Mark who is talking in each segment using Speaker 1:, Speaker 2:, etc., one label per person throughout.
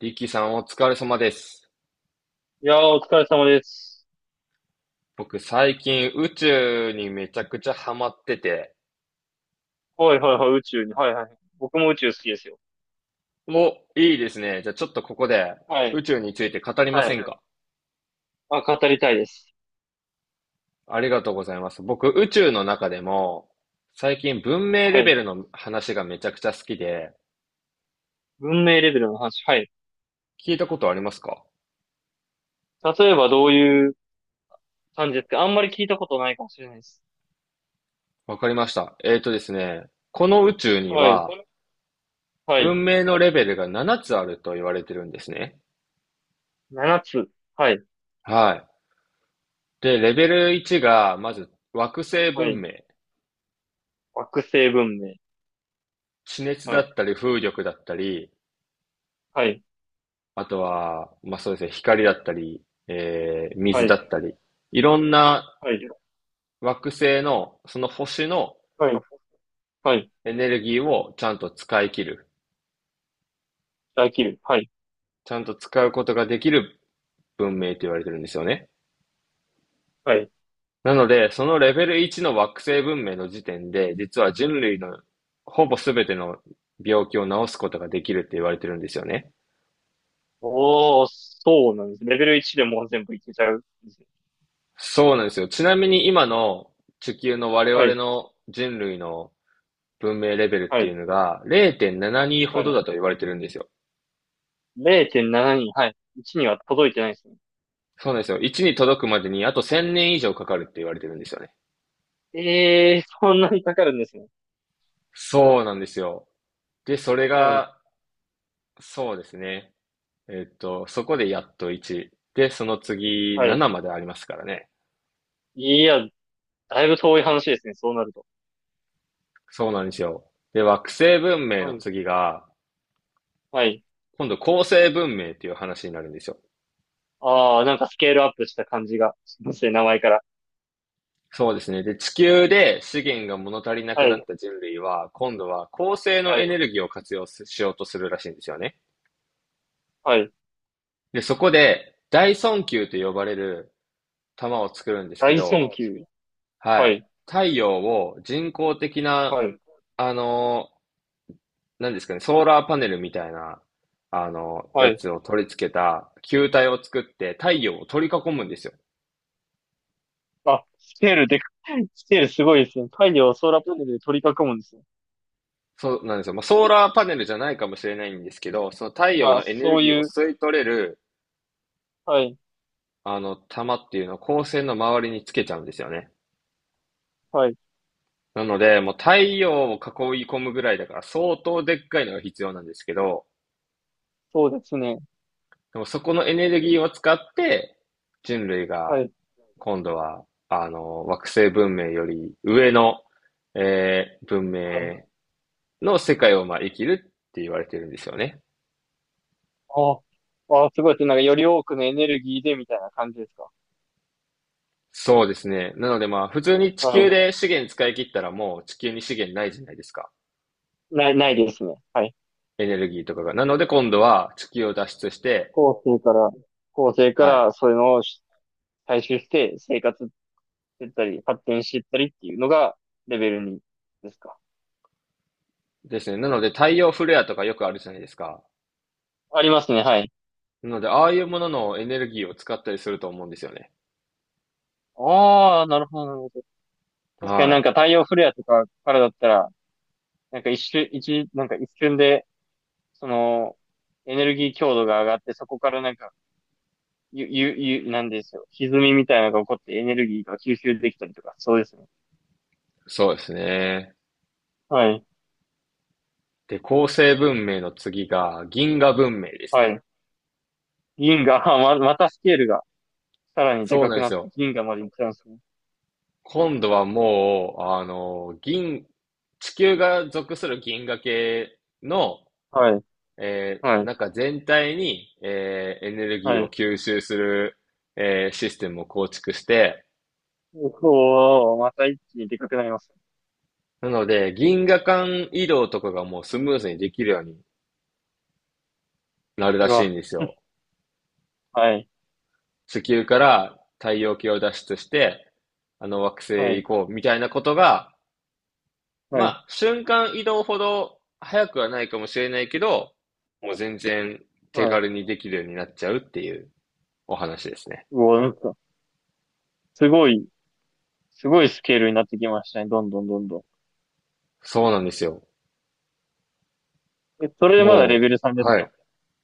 Speaker 1: リキさんお疲れ様です。
Speaker 2: いやー、お疲れ様です。
Speaker 1: 僕最近宇宙にめちゃくちゃハマってて。
Speaker 2: はいはいはい、宇宙に。はいはい。僕も宇宙好きですよ。
Speaker 1: お、いいですね。じゃあちょっとここで
Speaker 2: はい。
Speaker 1: 宇宙について語りま
Speaker 2: は
Speaker 1: せ
Speaker 2: い。
Speaker 1: んか？
Speaker 2: あ、語りたいです。
Speaker 1: ありがとうございます。僕宇宙の中でも最近文明
Speaker 2: は
Speaker 1: レベ
Speaker 2: い。
Speaker 1: ルの話がめちゃくちゃ好きで、
Speaker 2: 文明レベルの話。はい。
Speaker 1: 聞いたことありますか？
Speaker 2: 例えばどういう感じですか？あんまり聞いたことないかもしれないです。
Speaker 1: わかりました。えーとですね、この宇宙に
Speaker 2: はい。
Speaker 1: は
Speaker 2: はい。
Speaker 1: 文明のレベルが7つあると言われてるんですね。
Speaker 2: 7つ。はい。
Speaker 1: はい。で、レベル1がまず惑星
Speaker 2: は
Speaker 1: 文
Speaker 2: い。
Speaker 1: 明。
Speaker 2: 惑星文明。
Speaker 1: 地熱
Speaker 2: は
Speaker 1: だっ
Speaker 2: い。
Speaker 1: たり風力だったり、
Speaker 2: はい。
Speaker 1: あとは、まあそうですね、光だったり、水
Speaker 2: は
Speaker 1: だ
Speaker 2: い。
Speaker 1: ったり、いろんな
Speaker 2: はい。
Speaker 1: 惑星の、その星の
Speaker 2: はい。はい。
Speaker 1: エネルギーをちゃんと使い切る。
Speaker 2: 大気流。はい。
Speaker 1: ちゃんと使うことができる文明と言われてるんですよね。
Speaker 2: はい。
Speaker 1: なので、そのレベル1の惑星文明の時点で、実は人類のほぼ全ての病気を治すことができるって言われてるんですよね。
Speaker 2: おー、そうなんです。レベル1でもう全部いけちゃうんですね。
Speaker 1: そうなんですよ。ちなみに今の地球の我
Speaker 2: は
Speaker 1: 々
Speaker 2: い。
Speaker 1: の人類の文明レベルっ
Speaker 2: は
Speaker 1: ていう
Speaker 2: い。
Speaker 1: のが0.72
Speaker 2: は
Speaker 1: ほどだ
Speaker 2: い。
Speaker 1: と言われてるんですよ。
Speaker 2: 0.7人、はい。1には届いてないですね。
Speaker 1: そうなんですよ。1に届くまでにあと1000年以上かかるって言われてるんですよね。
Speaker 2: ええ、そんなにかかるんですね。
Speaker 1: そうなんですよ。で、それ
Speaker 2: はい。
Speaker 1: が、そうですね。そこでやっと1。で、その次
Speaker 2: はい。
Speaker 1: 7までありますからね。
Speaker 2: いや、だいぶ遠い話ですね、そうなると。
Speaker 1: そうなんですよ。で、惑星文明
Speaker 2: う
Speaker 1: の
Speaker 2: ん。
Speaker 1: 次が、
Speaker 2: はい。
Speaker 1: 今度恒星文明っていう話になるんですよ。
Speaker 2: ああ、なんかスケールアップした感じがしますね、名前から。
Speaker 1: そうですね。で、地球で資源が物足りなく
Speaker 2: は
Speaker 1: なっ
Speaker 2: い。
Speaker 1: た人類は、今度は恒星の
Speaker 2: は
Speaker 1: エ
Speaker 2: い。
Speaker 1: ネルギーを活用しようとするらしいんですよね。
Speaker 2: はい。
Speaker 1: で、そこで、大損球と呼ばれる球を作るんです
Speaker 2: 大
Speaker 1: け
Speaker 2: 損
Speaker 1: ど、
Speaker 2: 級。
Speaker 1: は
Speaker 2: は
Speaker 1: い。
Speaker 2: い。
Speaker 1: 太陽を人工的
Speaker 2: は
Speaker 1: な、
Speaker 2: い。
Speaker 1: あのー、何ですかね、ソーラーパネルみたいな、
Speaker 2: は
Speaker 1: や
Speaker 2: い。
Speaker 1: つを取り付けた球体を作って太陽を取り囲むんですよ。
Speaker 2: あ、スケールでか、スケールすごいですね。太陽をソーラーパネルで取り囲むんですね。
Speaker 1: そうなんですよ。まあ、ソーラーパネルじゃないかもしれないんですけど、その太陽
Speaker 2: まあ、
Speaker 1: のエネ
Speaker 2: そ
Speaker 1: ル
Speaker 2: う
Speaker 1: ギーを
Speaker 2: いう、
Speaker 1: 吸い取れる、
Speaker 2: はい。
Speaker 1: あの、玉っていうのを光線の周りにつけちゃうんですよね。
Speaker 2: はい。
Speaker 1: なので、もう太陽を囲い込むぐらいだから相当でっかいのが必要なんですけど、
Speaker 2: そうですね。
Speaker 1: でもそこのエネルギーを使って、人類
Speaker 2: は
Speaker 1: が
Speaker 2: い。
Speaker 1: 今度は、あの、惑星文明より上の、文
Speaker 2: は
Speaker 1: 明
Speaker 2: い。
Speaker 1: の世界をまあ生きるって言われてるんですよね。
Speaker 2: ああ、あすごいです。なんかより多くのエネルギーでみたいな感じですか？
Speaker 1: そうですね。なのでまあ普通に地
Speaker 2: は
Speaker 1: 球で資
Speaker 2: そ
Speaker 1: 源使い切ったらもう地球に資源ないじゃないですか。
Speaker 2: ないですね。はい。
Speaker 1: エネルギーとかが。なので今度は地球を脱出して、
Speaker 2: 後世から、後世か
Speaker 1: はい。
Speaker 2: らそういうのを採集して生活してったり、発展してったりっていうのがレベル2ですか？
Speaker 1: ですね。なので太陽フレアとかよくあるじゃないですか。
Speaker 2: ありますね、はい。
Speaker 1: なのでああいうもののエネルギーを使ったりすると思うんですよね。
Speaker 2: ああ、なるほど、なるほど。確かになんか
Speaker 1: はい。
Speaker 2: 太陽フレアとかからだったら、なんか一瞬、一、なんか一瞬で、その、エネルギー強度が上がって、そこからなんかゆ、ゆ、ゆ、なんですよ。歪みみたいなのが起こってエネルギーが吸収できたりとか、そうですね。
Speaker 1: そうですね。
Speaker 2: はい。
Speaker 1: で、構成文明の次が銀河文明です
Speaker 2: は
Speaker 1: ね。
Speaker 2: い。銀河、またスケールがさらにで
Speaker 1: そう
Speaker 2: か
Speaker 1: なん
Speaker 2: く
Speaker 1: で
Speaker 2: なっ
Speaker 1: す
Speaker 2: て
Speaker 1: よ。
Speaker 2: 銀河まで行っちゃうんですね。
Speaker 1: 今度はもう、あの、地球が属する銀河系の、
Speaker 2: はい。
Speaker 1: え
Speaker 2: は
Speaker 1: ー
Speaker 2: い。
Speaker 1: なんか全体に、エネルギ
Speaker 2: は
Speaker 1: ーを
Speaker 2: い。
Speaker 1: 吸収する、システムを構築して、
Speaker 2: おー、また一気にでかくなりますね。
Speaker 1: なので、銀河間移動とかがもうスムーズにできるようになる
Speaker 2: う
Speaker 1: らしい
Speaker 2: わ、
Speaker 1: んですよ。
Speaker 2: はい。
Speaker 1: 地球から太陽系を脱出して、あの惑星
Speaker 2: は
Speaker 1: へ
Speaker 2: い。
Speaker 1: 行こうみたいなことが、
Speaker 2: はい。
Speaker 1: まあ、瞬間移動ほど早くはないかもしれないけど、もう全然手
Speaker 2: はい。
Speaker 1: 軽にできるようになっちゃうっていうお話ですね。
Speaker 2: うわ、なんか、すごい、すごいスケールになってきましたね。どんどんどんどん。
Speaker 1: そうなんですよ。
Speaker 2: え、それでまだレ
Speaker 1: も
Speaker 2: ベル3で
Speaker 1: う、
Speaker 2: す
Speaker 1: は
Speaker 2: か？
Speaker 1: い。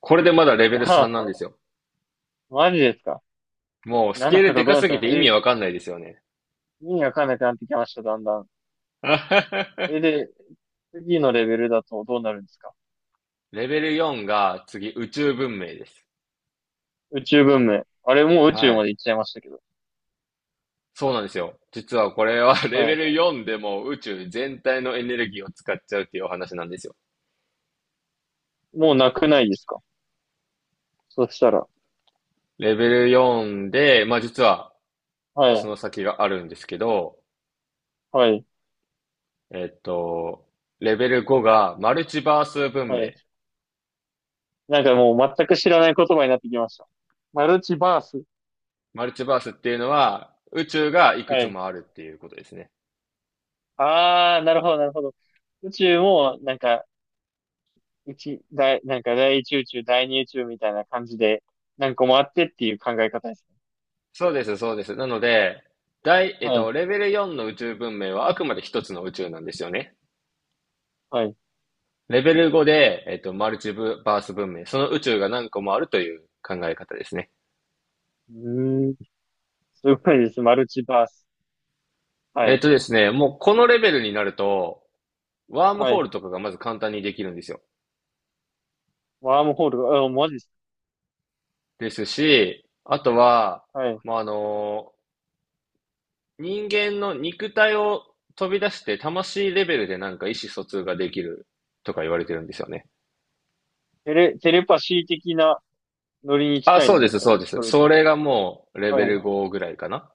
Speaker 1: これでまだレベル
Speaker 2: あ、
Speaker 1: 3なんです よ。
Speaker 2: マジですか
Speaker 1: もうスケ
Speaker 2: ?7
Speaker 1: ー
Speaker 2: と
Speaker 1: ルで
Speaker 2: かど
Speaker 1: か
Speaker 2: うな
Speaker 1: す
Speaker 2: っち
Speaker 1: ぎ
Speaker 2: ゃ
Speaker 1: て意
Speaker 2: え、
Speaker 1: 味わかんないですよね。
Speaker 2: 意味わかんなくなってきました、だんだん。え、で、次のレベルだとどうなるんですか？
Speaker 1: レベル4が次宇宙文明です。
Speaker 2: 宇宙文明。あれもう宇
Speaker 1: は
Speaker 2: 宙ま
Speaker 1: い。
Speaker 2: で行っちゃいましたけど。
Speaker 1: そうなんですよ。実はこれは レ
Speaker 2: は
Speaker 1: ベ
Speaker 2: い。
Speaker 1: ル4でも宇宙全体のエネルギーを使っちゃうっていうお話なんですよ。
Speaker 2: もうなくないですか？そしたら。
Speaker 1: レベル4で、まあ実は
Speaker 2: は
Speaker 1: そ
Speaker 2: い。
Speaker 1: の先があるんですけど、
Speaker 2: はい。
Speaker 1: えっと、レベル5がマルチバース文
Speaker 2: は
Speaker 1: 明。
Speaker 2: い。なんかもう全く知らない言葉になってきました。マルチバース。
Speaker 1: マルチバースっていうのは宇宙がいく
Speaker 2: は
Speaker 1: つ
Speaker 2: い。
Speaker 1: もあるっていうことですね。
Speaker 2: あー、なるほど、なるほど。宇宙も、なんか、なんか第一宇宙、第二宇宙みたいな感じで、何個もあってっていう考え方ですね。
Speaker 1: そうです、そうです。なので、第、えっ
Speaker 2: はい。
Speaker 1: と、レベル4の宇宙文明はあくまで一つの宇宙なんですよね。
Speaker 2: はい。う
Speaker 1: レベル5で、マルチブバース文明、その宇宙が何個もあるという考え方ですね。
Speaker 2: ーん。すごいです。マルチバース。はい。
Speaker 1: もうこのレベルになると、ワーム
Speaker 2: は
Speaker 1: ホー
Speaker 2: い。
Speaker 1: ルとかがまず簡単にできるんですよ。
Speaker 2: ワームホール。あ、マジです。
Speaker 1: ですし、あとは、
Speaker 2: はい。
Speaker 1: まあ、あの、人間の肉体を飛び出して魂レベルでなんか意思疎通ができるとか言われてるんですよね。
Speaker 2: テレパシー的なノリに
Speaker 1: あ、
Speaker 2: 近い
Speaker 1: そう
Speaker 2: ん
Speaker 1: で
Speaker 2: です
Speaker 1: す、
Speaker 2: か
Speaker 1: そう
Speaker 2: ね
Speaker 1: で
Speaker 2: そ
Speaker 1: す。
Speaker 2: れ。
Speaker 1: それがもうレ
Speaker 2: は
Speaker 1: ベ
Speaker 2: い。
Speaker 1: ル5ぐらいかな。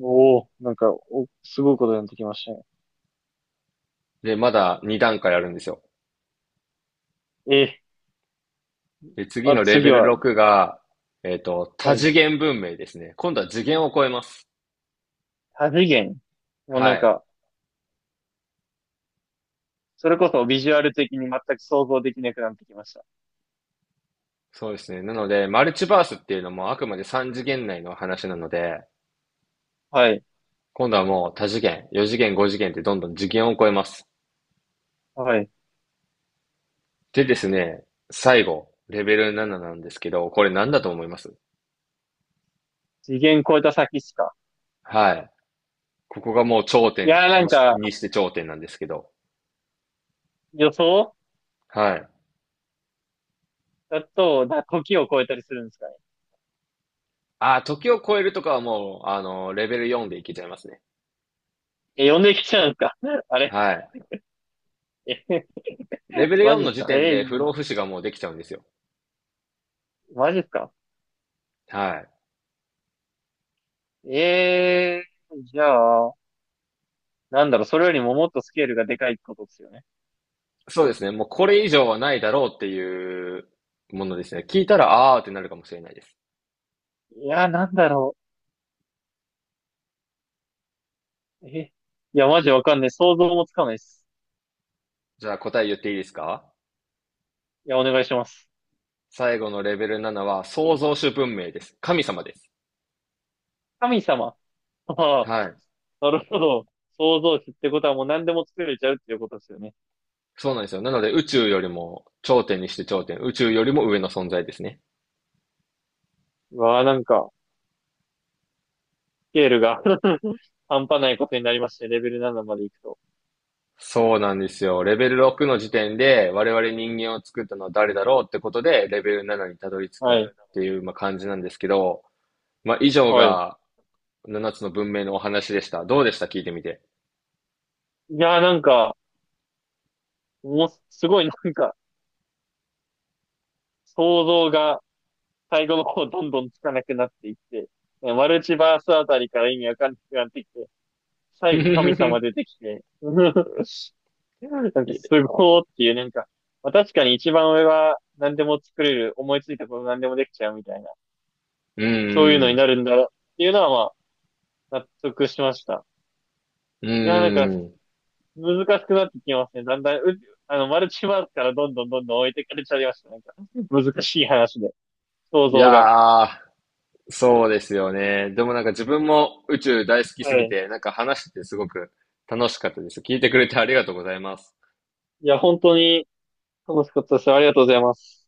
Speaker 2: おお、なんか、すごいことになってきましたね。
Speaker 1: で、まだ2段階あるんですよ。
Speaker 2: え
Speaker 1: で、次
Speaker 2: あ、
Speaker 1: のレベ
Speaker 2: 次
Speaker 1: ル
Speaker 2: は、
Speaker 1: 6が、
Speaker 2: は
Speaker 1: 多
Speaker 2: い。
Speaker 1: 次元文明ですね。今度は次元を超えます。
Speaker 2: 多次元。もうな
Speaker 1: は
Speaker 2: ん
Speaker 1: い。
Speaker 2: か、それこそビジュアル的に全く想像できなくなってきました。
Speaker 1: そうですね。なので、マルチバースっていうのもあくまで3次元内の話なので、
Speaker 2: はい。
Speaker 1: 今度はもう多次元、4次元、5次元ってどんどん次元を超えます。
Speaker 2: はい。
Speaker 1: でですね、最後、レベル7ななんですけど、これ何だと思います？
Speaker 2: 次元超えた先っすか？
Speaker 1: はい。ここがもう頂
Speaker 2: いや
Speaker 1: 点
Speaker 2: ーなん
Speaker 1: にし、
Speaker 2: か、
Speaker 1: にして頂点なんですけど、
Speaker 2: 予想
Speaker 1: はい。
Speaker 2: だと、時を超えたりするんですかね？
Speaker 1: あー、時を超えるとかはもう、あのレベル4でいけちゃいますね。
Speaker 2: え、呼んできちゃうんですか？ あれ
Speaker 1: はい。
Speaker 2: え、
Speaker 1: レ ベル
Speaker 2: マ
Speaker 1: 4
Speaker 2: ジっ
Speaker 1: の
Speaker 2: す
Speaker 1: 時
Speaker 2: か
Speaker 1: 点
Speaker 2: え
Speaker 1: で不
Speaker 2: ー、
Speaker 1: 老不死がもうできちゃうんですよ。
Speaker 2: マジっすか
Speaker 1: はい。
Speaker 2: えじゃあ、なんだろう、それよりももっとスケールがでかいってことですよね。
Speaker 1: そうで
Speaker 2: と
Speaker 1: すね。もうこれ以上はないだろうっていうものですね。聞いたら、あーってなるかもしれないです。
Speaker 2: いやー、なんだろう。え、いや、マジわかんない。想像もつかないです。
Speaker 1: じゃあ答え言っていいですか？
Speaker 2: いや、お願いします。
Speaker 1: 最後のレベル7は創造主文明です。神様です。
Speaker 2: 神様。ああ、
Speaker 1: はい。
Speaker 2: なるほど。想像値ってことはもう何でも作れちゃうっていうことですよね。
Speaker 1: そうなんですよ。なので宇宙よりも頂点にして頂点、宇宙よりも上の存在ですね。
Speaker 2: うわあ、なんか、スケールが 半端ないことになりまして、レベル7まで行くと。
Speaker 1: そうなんですよ。レベル6の時点で我々人間を作ったのは誰だろうってことでレベル7にたどり着くっ
Speaker 2: はい。
Speaker 1: ていうまあ感じなんですけど、まあ以上
Speaker 2: はい。
Speaker 1: が7つの文明のお話でした。どうでした聞いてみて？
Speaker 2: いやーなんか、もう、すごいなんか、想像が最後の方どんどんつかなくなっていって、マルチバースあたりから意味わかんなくなってきて、最後神 様出てきて、なんか
Speaker 1: い
Speaker 2: すごーっていう、なんか、まあ、確かに一番上は何でも作れる、思いついたこと何でもできちゃうみたいな、
Speaker 1: う
Speaker 2: そういうのに
Speaker 1: ん。
Speaker 2: なるんだろうっていうのは、まあ、納得しました。
Speaker 1: う
Speaker 2: いやー、なんか、
Speaker 1: ん。
Speaker 2: 難しくなってきますね。だんだん、あの、マルチバースからどんどんどんどん置いてかれちゃいました。なんか、難しい話で、想
Speaker 1: い
Speaker 2: 像が。
Speaker 1: やー、そうですよね。でもなんか自分も宇宙大好きす
Speaker 2: は
Speaker 1: ぎ
Speaker 2: い。
Speaker 1: て、なんか話しててすごく楽しかったです。聞いてくれてありがとうございます。
Speaker 2: いや、本当に楽しかったです。ありがとうございます。